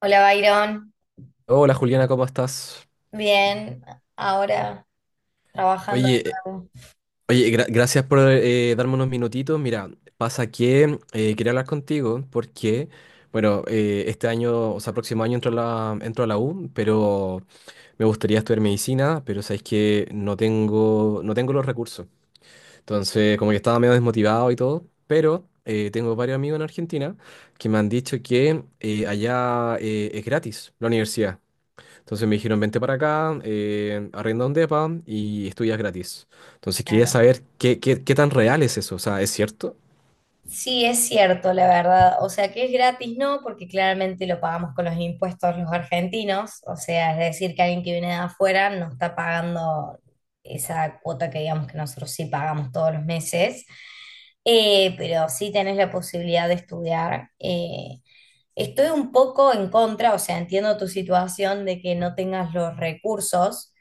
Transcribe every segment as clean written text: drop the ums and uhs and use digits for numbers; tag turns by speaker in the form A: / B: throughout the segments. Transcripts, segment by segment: A: Hola, Byron.
B: Hola Juliana, ¿cómo estás?
A: Bien, ahora trabajando
B: Oye,
A: de nuevo.
B: oye, gracias por darme unos minutitos. Mira, pasa que quería hablar contigo porque, bueno, este año, o sea, próximo año entro a entro a la U, pero me gustaría estudiar medicina, pero sabes que no tengo los recursos. Entonces, como que estaba medio desmotivado y todo, pero tengo varios amigos en Argentina que me han dicho que allá es gratis la universidad. Entonces me dijeron, vente para acá, arrienda un depa y estudias gratis. Entonces quería
A: Claro.
B: saber qué tan real es eso. O sea, ¿es cierto?
A: Sí, es cierto, la verdad. O sea, que es gratis, no, porque claramente lo pagamos con los impuestos los argentinos. O sea, es decir, que alguien que viene de afuera no está pagando esa cuota que digamos que nosotros sí pagamos todos los meses. Pero sí tenés la posibilidad de estudiar. Estoy un poco en contra, o sea, entiendo tu situación de que no tengas los recursos.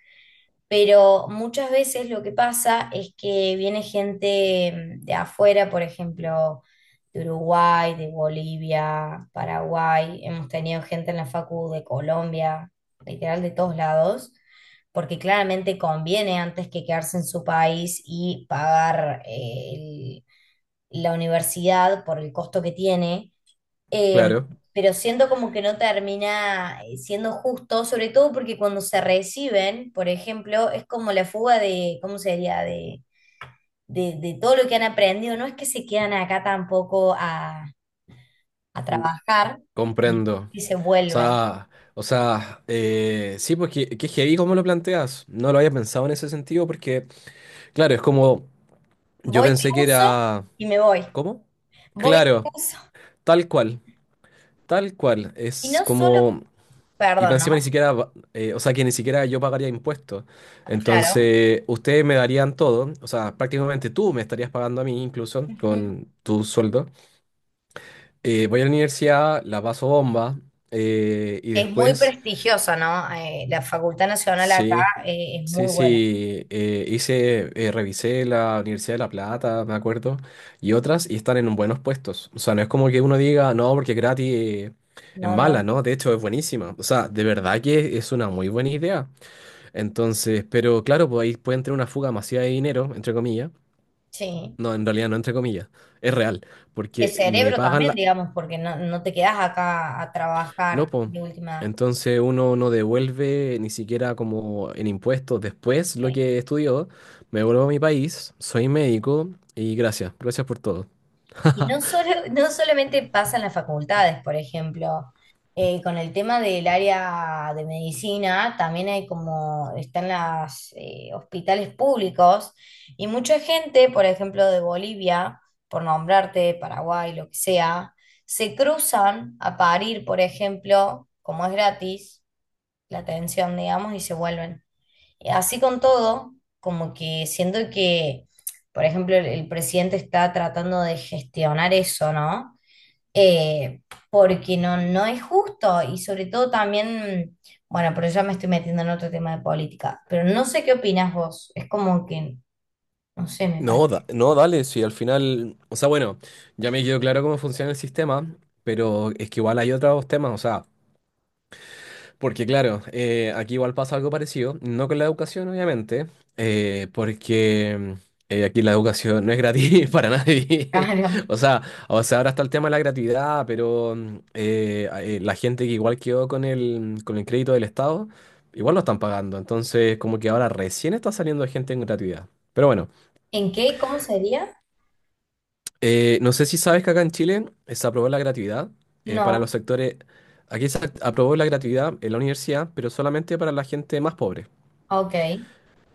A: Pero muchas veces lo que pasa es que viene gente, de afuera, por ejemplo, de Uruguay, de Bolivia, Paraguay, hemos tenido gente en la facu de Colombia, literal de todos lados, porque claramente conviene antes que quedarse en su país y pagar la universidad por el costo que tiene, eh,
B: Claro.
A: pero siento como que no termina siendo justo, sobre todo porque cuando se reciben, por ejemplo, es como la fuga de, ¿cómo sería? De todo lo que han aprendido. No es que se quedan acá tampoco a, a
B: Mm.
A: trabajar, sino
B: Comprendo.
A: que se
B: O
A: vuelven.
B: sea, o sea, sí, pues que heavy cómo lo planteas. No lo había pensado en ese sentido porque, claro, es como, yo
A: Voy, te
B: pensé que
A: uso
B: era,
A: y me voy.
B: ¿cómo?
A: Voy, te
B: Claro,
A: uso.
B: tal cual, tal cual.
A: Y
B: Es
A: no solo,
B: como, y pa'
A: perdón,
B: encima ni
A: ¿no?
B: siquiera, o sea, que ni siquiera yo pagaría impuestos.
A: Claro.
B: Entonces, ustedes me darían todo, o sea, prácticamente tú me estarías pagando a mí incluso
A: Ujú.
B: con tu sueldo. Voy a la universidad, la paso bomba, y
A: Es muy
B: después,
A: prestigiosa, ¿no? La Facultad Nacional acá,
B: sí,
A: es
B: sí,
A: muy buena.
B: sí, hice, revisé la Universidad de La Plata, me acuerdo, y otras, y están en buenos puestos. O sea, no es como que uno diga, no, porque gratis, es
A: No,
B: mala,
A: no.
B: ¿no? De hecho, es buenísima. O sea, de verdad que es una muy buena idea. Entonces, pero claro, pues ahí pueden tener una fuga masiva de dinero, entre comillas.
A: Sí.
B: No, en realidad no entre comillas, es real,
A: De
B: porque le
A: cerebro
B: pagan
A: también,
B: la...
A: digamos, porque no, no te quedas acá a
B: No,
A: trabajar
B: pues.
A: de última.
B: Entonces uno no devuelve ni siquiera como en impuestos después lo
A: Eh.
B: que estudió. Me vuelvo a mi país, soy médico y gracias, gracias por todo.
A: Y no solo, no solamente pasa en las facultades, por ejemplo, con el tema del área de medicina, también hay como, están los hospitales públicos y mucha gente, por ejemplo, de Bolivia, por nombrarte, Paraguay, lo que sea, se cruzan a parir, por ejemplo, como es gratis la atención, digamos, y se vuelven. Así con todo, como que siento que, por ejemplo, el presidente está tratando de gestionar eso, ¿no? Eh, Porque no, no es justo y sobre todo también, bueno, pero ya me estoy metiendo en otro tema de política, pero no sé qué opinas vos, es como que, no sé, me parece
B: No, no, dale, sí, al final, o sea, bueno, ya me quedó claro cómo funciona el sistema, pero es que igual hay otros temas, o sea, porque claro, aquí igual pasa algo parecido, no con la educación obviamente, porque aquí la educación no es gratis para nadie.
A: caro.
B: O sea, o sea, ahora está el tema de la gratuidad, pero la gente que igual quedó con con el crédito del Estado, igual lo están pagando. Entonces, como que ahora recién está saliendo gente en gratuidad. Pero bueno,
A: ¿En qué? ¿Cómo sería?
B: no sé si sabes que acá en Chile se aprobó la gratuidad para los
A: No,
B: sectores... Aquí se aprobó la gratuidad en la universidad, pero solamente para la gente más pobre.
A: ok,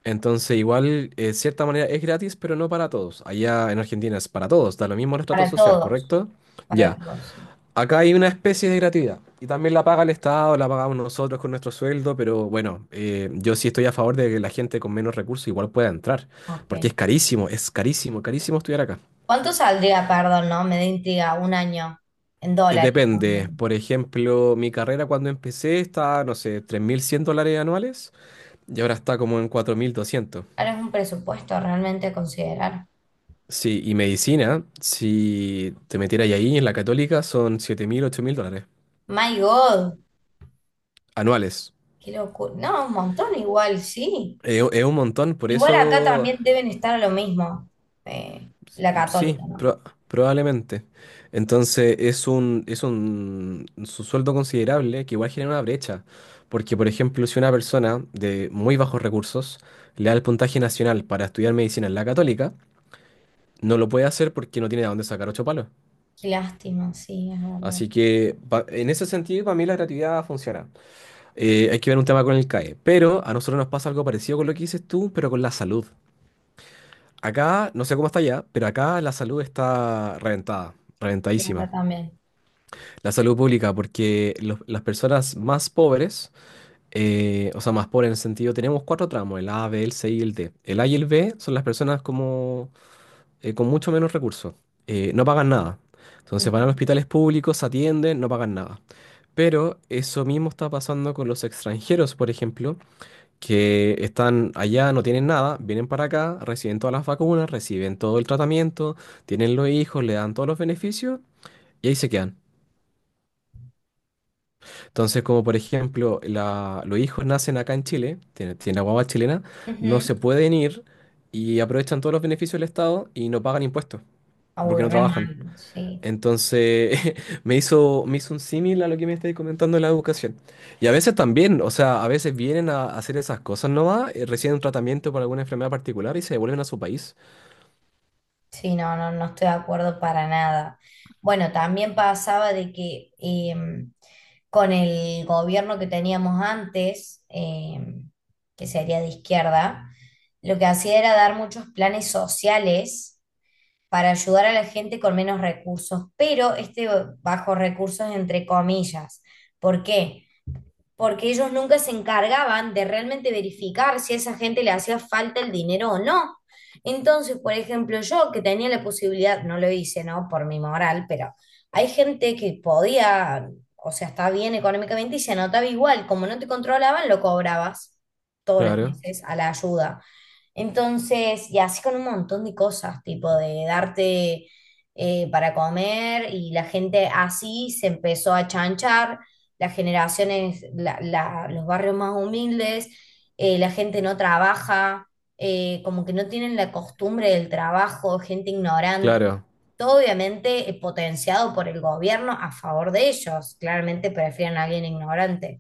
B: Entonces, igual, de cierta manera es gratis, pero no para todos. Allá en Argentina es para todos, da lo mismo el estrato
A: para
B: social,
A: todos,
B: ¿correcto?
A: para
B: Ya.
A: todos,
B: Acá hay una especie de gratuidad. Y también la paga el Estado, la pagamos nosotros con nuestro sueldo, pero bueno, yo sí estoy a favor de que la gente con menos recursos igual pueda entrar,
A: ok.
B: porque es carísimo, carísimo estudiar acá.
A: ¿Cuánto saldría, perdón, no? Me da intriga, un año en dólares, ¿no?
B: Depende, por ejemplo, mi carrera cuando empecé estaba, no sé, $3,100 anuales y ahora está como en 4,200.
A: Ahora es un presupuesto realmente a considerar.
B: Sí, y medicina, si te metieras ahí en la Católica, son 7,000, $8,000
A: My God,
B: anuales.
A: qué locura. No, un montón igual, sí.
B: Es un montón, por
A: Igual acá
B: eso
A: también deben estar a lo mismo. Eh, la
B: sí,
A: católica, ¿no?
B: probablemente. Entonces es un, su sueldo considerable que igual genera una brecha. Porque, por ejemplo, si una persona de muy bajos recursos le da el puntaje nacional para estudiar medicina en la Católica, no lo puede hacer porque no tiene de dónde sacar ocho palos.
A: Qué lástima, sí, es verdad.
B: Así que en ese sentido, para mí la gratuidad funciona. Hay que ver un tema con el CAE. Pero a nosotros nos pasa algo parecido con lo que dices tú, pero con la salud. Acá, no sé cómo está allá, pero acá la salud está reventada,
A: Sí,
B: reventadísima.
A: acá también.
B: La salud pública, porque las personas más pobres, o sea, más pobres en el sentido, tenemos cuatro tramos, el A, B, el C y el D. El A y el B son las personas como, con mucho menos recursos, no pagan nada. Entonces
A: Ujú.
B: van a hospitales públicos, se atienden, no pagan nada. Pero eso mismo está pasando con los extranjeros, por ejemplo, que están allá, no tienen nada, vienen para acá, reciben todas las vacunas, reciben todo el tratamiento, tienen los hijos, le dan todos los beneficios y ahí se quedan. Entonces, como por ejemplo, los hijos nacen acá en Chile, tienen la guagua chilena, no
A: Ujú.
B: se pueden ir y aprovechan todos los beneficios del Estado y no pagan impuestos
A: Ah, uy,
B: porque no
A: re
B: trabajan.
A: mal, sí.
B: Entonces, me hizo un símil a lo que me estáis comentando de la educación. Y a veces también, o sea, a veces vienen a hacer esas cosas nomás, reciben un tratamiento por alguna enfermedad particular y se devuelven a su país.
A: Sí, no, no, no estoy de acuerdo para nada. Bueno, también pasaba de que, em, con el gobierno que teníamos antes, que sería de izquierda, lo que hacía era dar muchos planes sociales para ayudar a la gente con menos recursos, pero este bajo recursos entre comillas. ¿Por qué? Porque ellos nunca se encargaban de realmente verificar si a esa gente le hacía falta el dinero o no. Entonces, por ejemplo, yo que tenía la posibilidad, no lo hice, ¿no? Por mi moral, pero hay gente que podía, o sea, está bien económicamente y se anotaba igual, como no te controlaban, lo cobrabas todos los
B: Claro,
A: meses a la ayuda. Entonces, y así con un montón de cosas, tipo de darte para comer y la gente así se empezó a chanchar las generaciones, los barrios más humildes, la gente no trabaja, como que no tienen la costumbre del trabajo, gente ignorante.
B: claro.
A: Todo obviamente potenciado por el gobierno a favor de ellos. Claramente prefieren a alguien ignorante.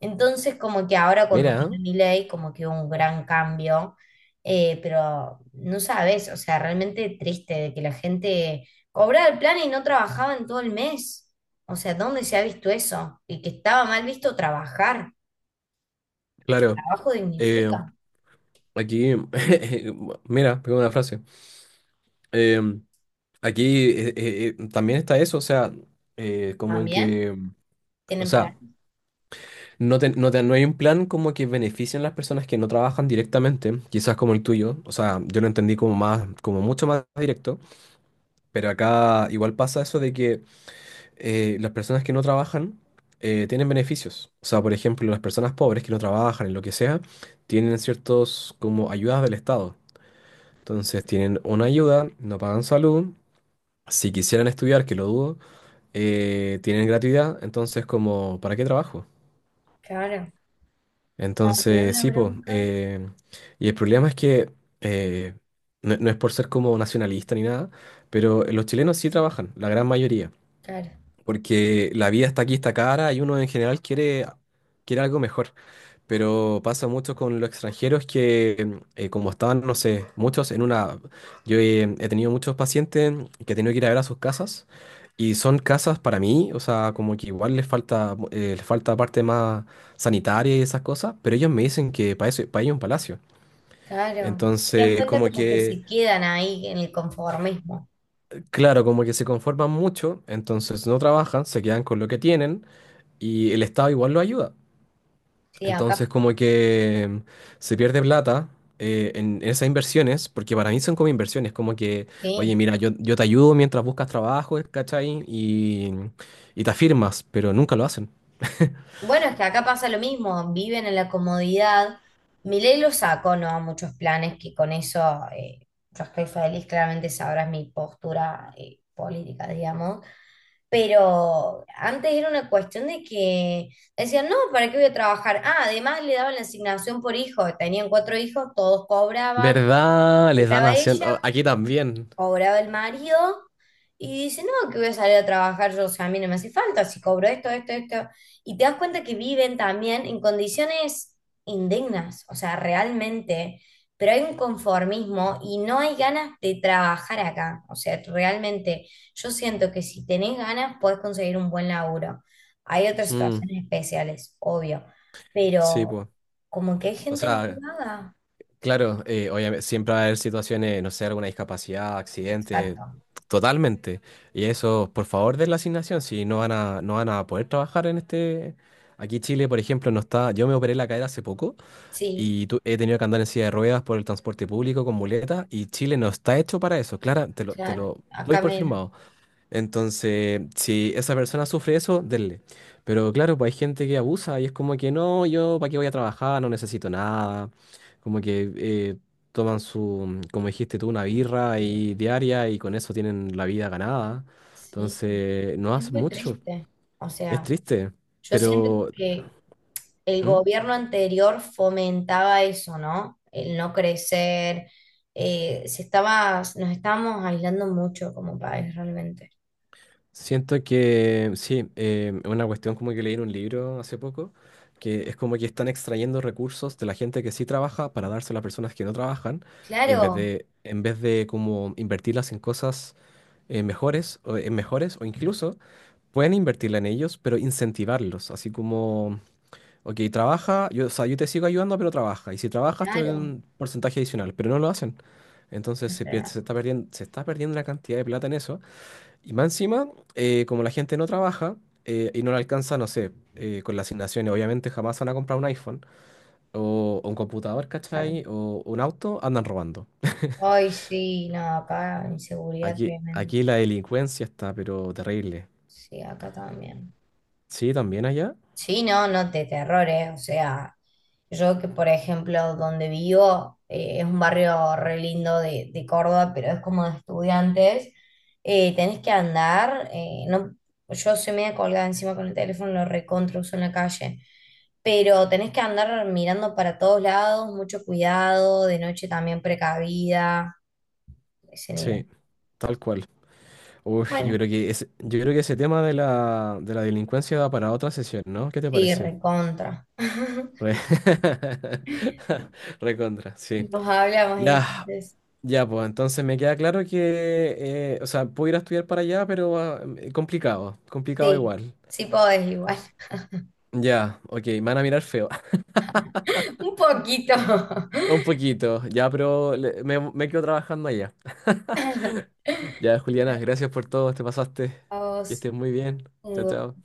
A: Entonces, como que ahora cuando
B: Mira, ¿eh?
A: vino Milei, como que hubo un gran cambio, pero no sabes, o sea, realmente triste de que la gente cobraba el plan y no trabajaba en todo el mes. O sea, ¿dónde se ha visto eso? Y que estaba mal visto trabajar.
B: Claro.
A: Trabajo
B: Eh,
A: dignifica.
B: aquí, mira, tengo una frase. Eh, aquí también está eso, o sea, como en
A: ¿También?
B: que, o
A: ¿Tienen
B: sea,
A: plan?
B: no, no hay un plan como que beneficien a las personas que no trabajan directamente, quizás como el tuyo. O sea, yo lo entendí como más, como mucho más directo, pero acá igual pasa eso de que las personas que no trabajan tienen beneficios. O sea, por ejemplo, las personas pobres que no trabajan en lo que sea, tienen ciertos como ayudas del Estado. Entonces tienen una ayuda, no pagan salud. Si quisieran estudiar, que lo dudo, tienen gratuidad. Entonces, como, ¿para qué trabajo?
A: Claro. No, me da
B: Entonces,
A: una
B: sí, pues.
A: bronca.
B: Y el problema es que eh, no, no es por ser como nacionalista ni nada, pero los chilenos sí trabajan, la gran mayoría,
A: Claro,
B: porque la vida está aquí, está cara y uno en general quiere, quiere algo mejor. Pero pasa mucho con los extranjeros que, como estaban, no sé, muchos en una... Yo he tenido muchos pacientes que he tenido que ir a ver a sus casas y son casas para mí, o sea, como que igual les falta parte más sanitaria y esas cosas, pero ellos me dicen que para eso, para ellos es un palacio.
A: claro. Te das
B: Entonces,
A: cuenta
B: como
A: como que
B: que,
A: se quedan ahí en el conformismo.
B: claro, como que se conforman mucho, entonces no trabajan, se quedan con lo que tienen y el Estado igual lo ayuda.
A: Sí, acá,
B: Entonces, como que se pierde plata en esas inversiones, porque para mí son como inversiones, como que, oye,
A: sí.
B: mira, yo te ayudo mientras buscas trabajo, ¿cachai? Y te afirmas, pero nunca lo hacen.
A: Bueno, es que acá pasa lo mismo, viven en la comodidad. Milei lo sacó, no a muchos planes, que con eso yo estoy feliz, claramente sabrás mi postura política, digamos. Pero antes era una cuestión de que decían, no, ¿para qué voy a trabajar? Ah, además le daban la asignación por hijo, tenían cuatro hijos, todos cobraban,
B: ¿Verdad? Les dan
A: cobraba
B: acción.
A: ella,
B: Aquí también.
A: cobraba el marido y dice, no, que voy a salir a trabajar yo, o sea, a mí no me hace falta, si cobro esto, esto, esto. Y te das cuenta que viven también en condiciones indignas, o sea, realmente, pero hay un conformismo y no hay ganas de trabajar acá, o sea, realmente yo siento que si tenés ganas podés conseguir un buen laburo. Hay otras
B: Mm,
A: situaciones especiales, obvio,
B: sí,
A: pero
B: pues.
A: como que hay
B: O
A: gente muy
B: sea,
A: vaga.
B: claro, obviamente, siempre va a haber situaciones, no sé, alguna discapacidad, accidente,
A: Exacto.
B: totalmente. Y eso, por favor, de la asignación, si no van a poder trabajar en este... Aquí Chile, por ejemplo, no está... Yo me operé la cadera hace poco
A: Sí,
B: y he tenido que andar en silla de ruedas por el transporte público con muletas y Chile no está hecho para eso. Clara, te
A: claro,
B: lo doy
A: acá
B: por
A: menos.
B: firmado. Entonces, si esa persona sufre eso, denle. Pero claro, pues hay gente que abusa y es como que no, yo para qué voy a trabajar, no necesito nada. Como que toman su, como dijiste tú, una birra y diaria y con eso tienen la vida ganada.
A: Sí,
B: Entonces, no
A: es
B: hace
A: muy
B: mucho.
A: triste. O
B: Es
A: sea,
B: triste.
A: yo siento
B: Pero,
A: que el
B: ¿mm?
A: gobierno anterior fomentaba eso, ¿no? El no crecer. Eh, se estaba, nos estábamos aislando mucho como país realmente.
B: Siento que sí, una cuestión como que leí en un libro hace poco, que es como que están extrayendo recursos de la gente que sí trabaja para darse a las personas que no trabajan, en vez
A: Claro,
B: de, como invertirlas en cosas mejores, o, en mejores, o incluso pueden invertirla en ellos, pero incentivarlos, así como, ok, trabaja, yo, o sea, yo te sigo ayudando, pero trabaja, y si trabajas te doy
A: claro,
B: un porcentaje adicional, pero no lo hacen. Entonces
A: es
B: se pierde- se
A: real,
B: está perdiendo, se está perdiendo una cantidad de plata en eso y más encima, como la gente no trabaja y no le alcanza, no sé, con las asignaciones, obviamente jamás van a comprar un iPhone o un computador,
A: claro.
B: ¿cachai? O un auto, andan robando.
A: Ay, sí, no, acá inseguridad
B: Aquí,
A: tremenda.
B: aquí la delincuencia está, pero terrible.
A: Sí, acá también.
B: Sí, también allá.
A: Sí, no, no te terrores, o sea, yo que por ejemplo donde vivo es un barrio re lindo de Córdoba, pero es como de estudiantes, tenés que andar, no, yo soy media colgada encima con el teléfono, lo recontra uso en la calle, pero tenés que andar mirando para todos lados, mucho cuidado, de noche también precavida, ese nivel.
B: Sí, tal cual. Uf,
A: Bueno,
B: yo creo que ese tema de de la delincuencia da para otra sesión, ¿no? ¿Qué te
A: sí,
B: parece?
A: recontra.
B: Re- Recontra, sí.
A: Nos hablamos
B: Ya,
A: entonces.
B: ya, pues entonces me queda claro que, o sea, puedo ir a estudiar para allá, pero complicado, complicado
A: Sí,
B: igual.
A: sí podés igual.
B: Ya, ok, me van a mirar feo,
A: Un poquito.
B: un poquito, ya, pero me quedo trabajando allá. Ya, Juliana,
A: Dale,
B: gracias por todo, te pasaste,
A: a
B: que
A: vos,
B: estés muy bien, chao,
A: Hugo.
B: chao.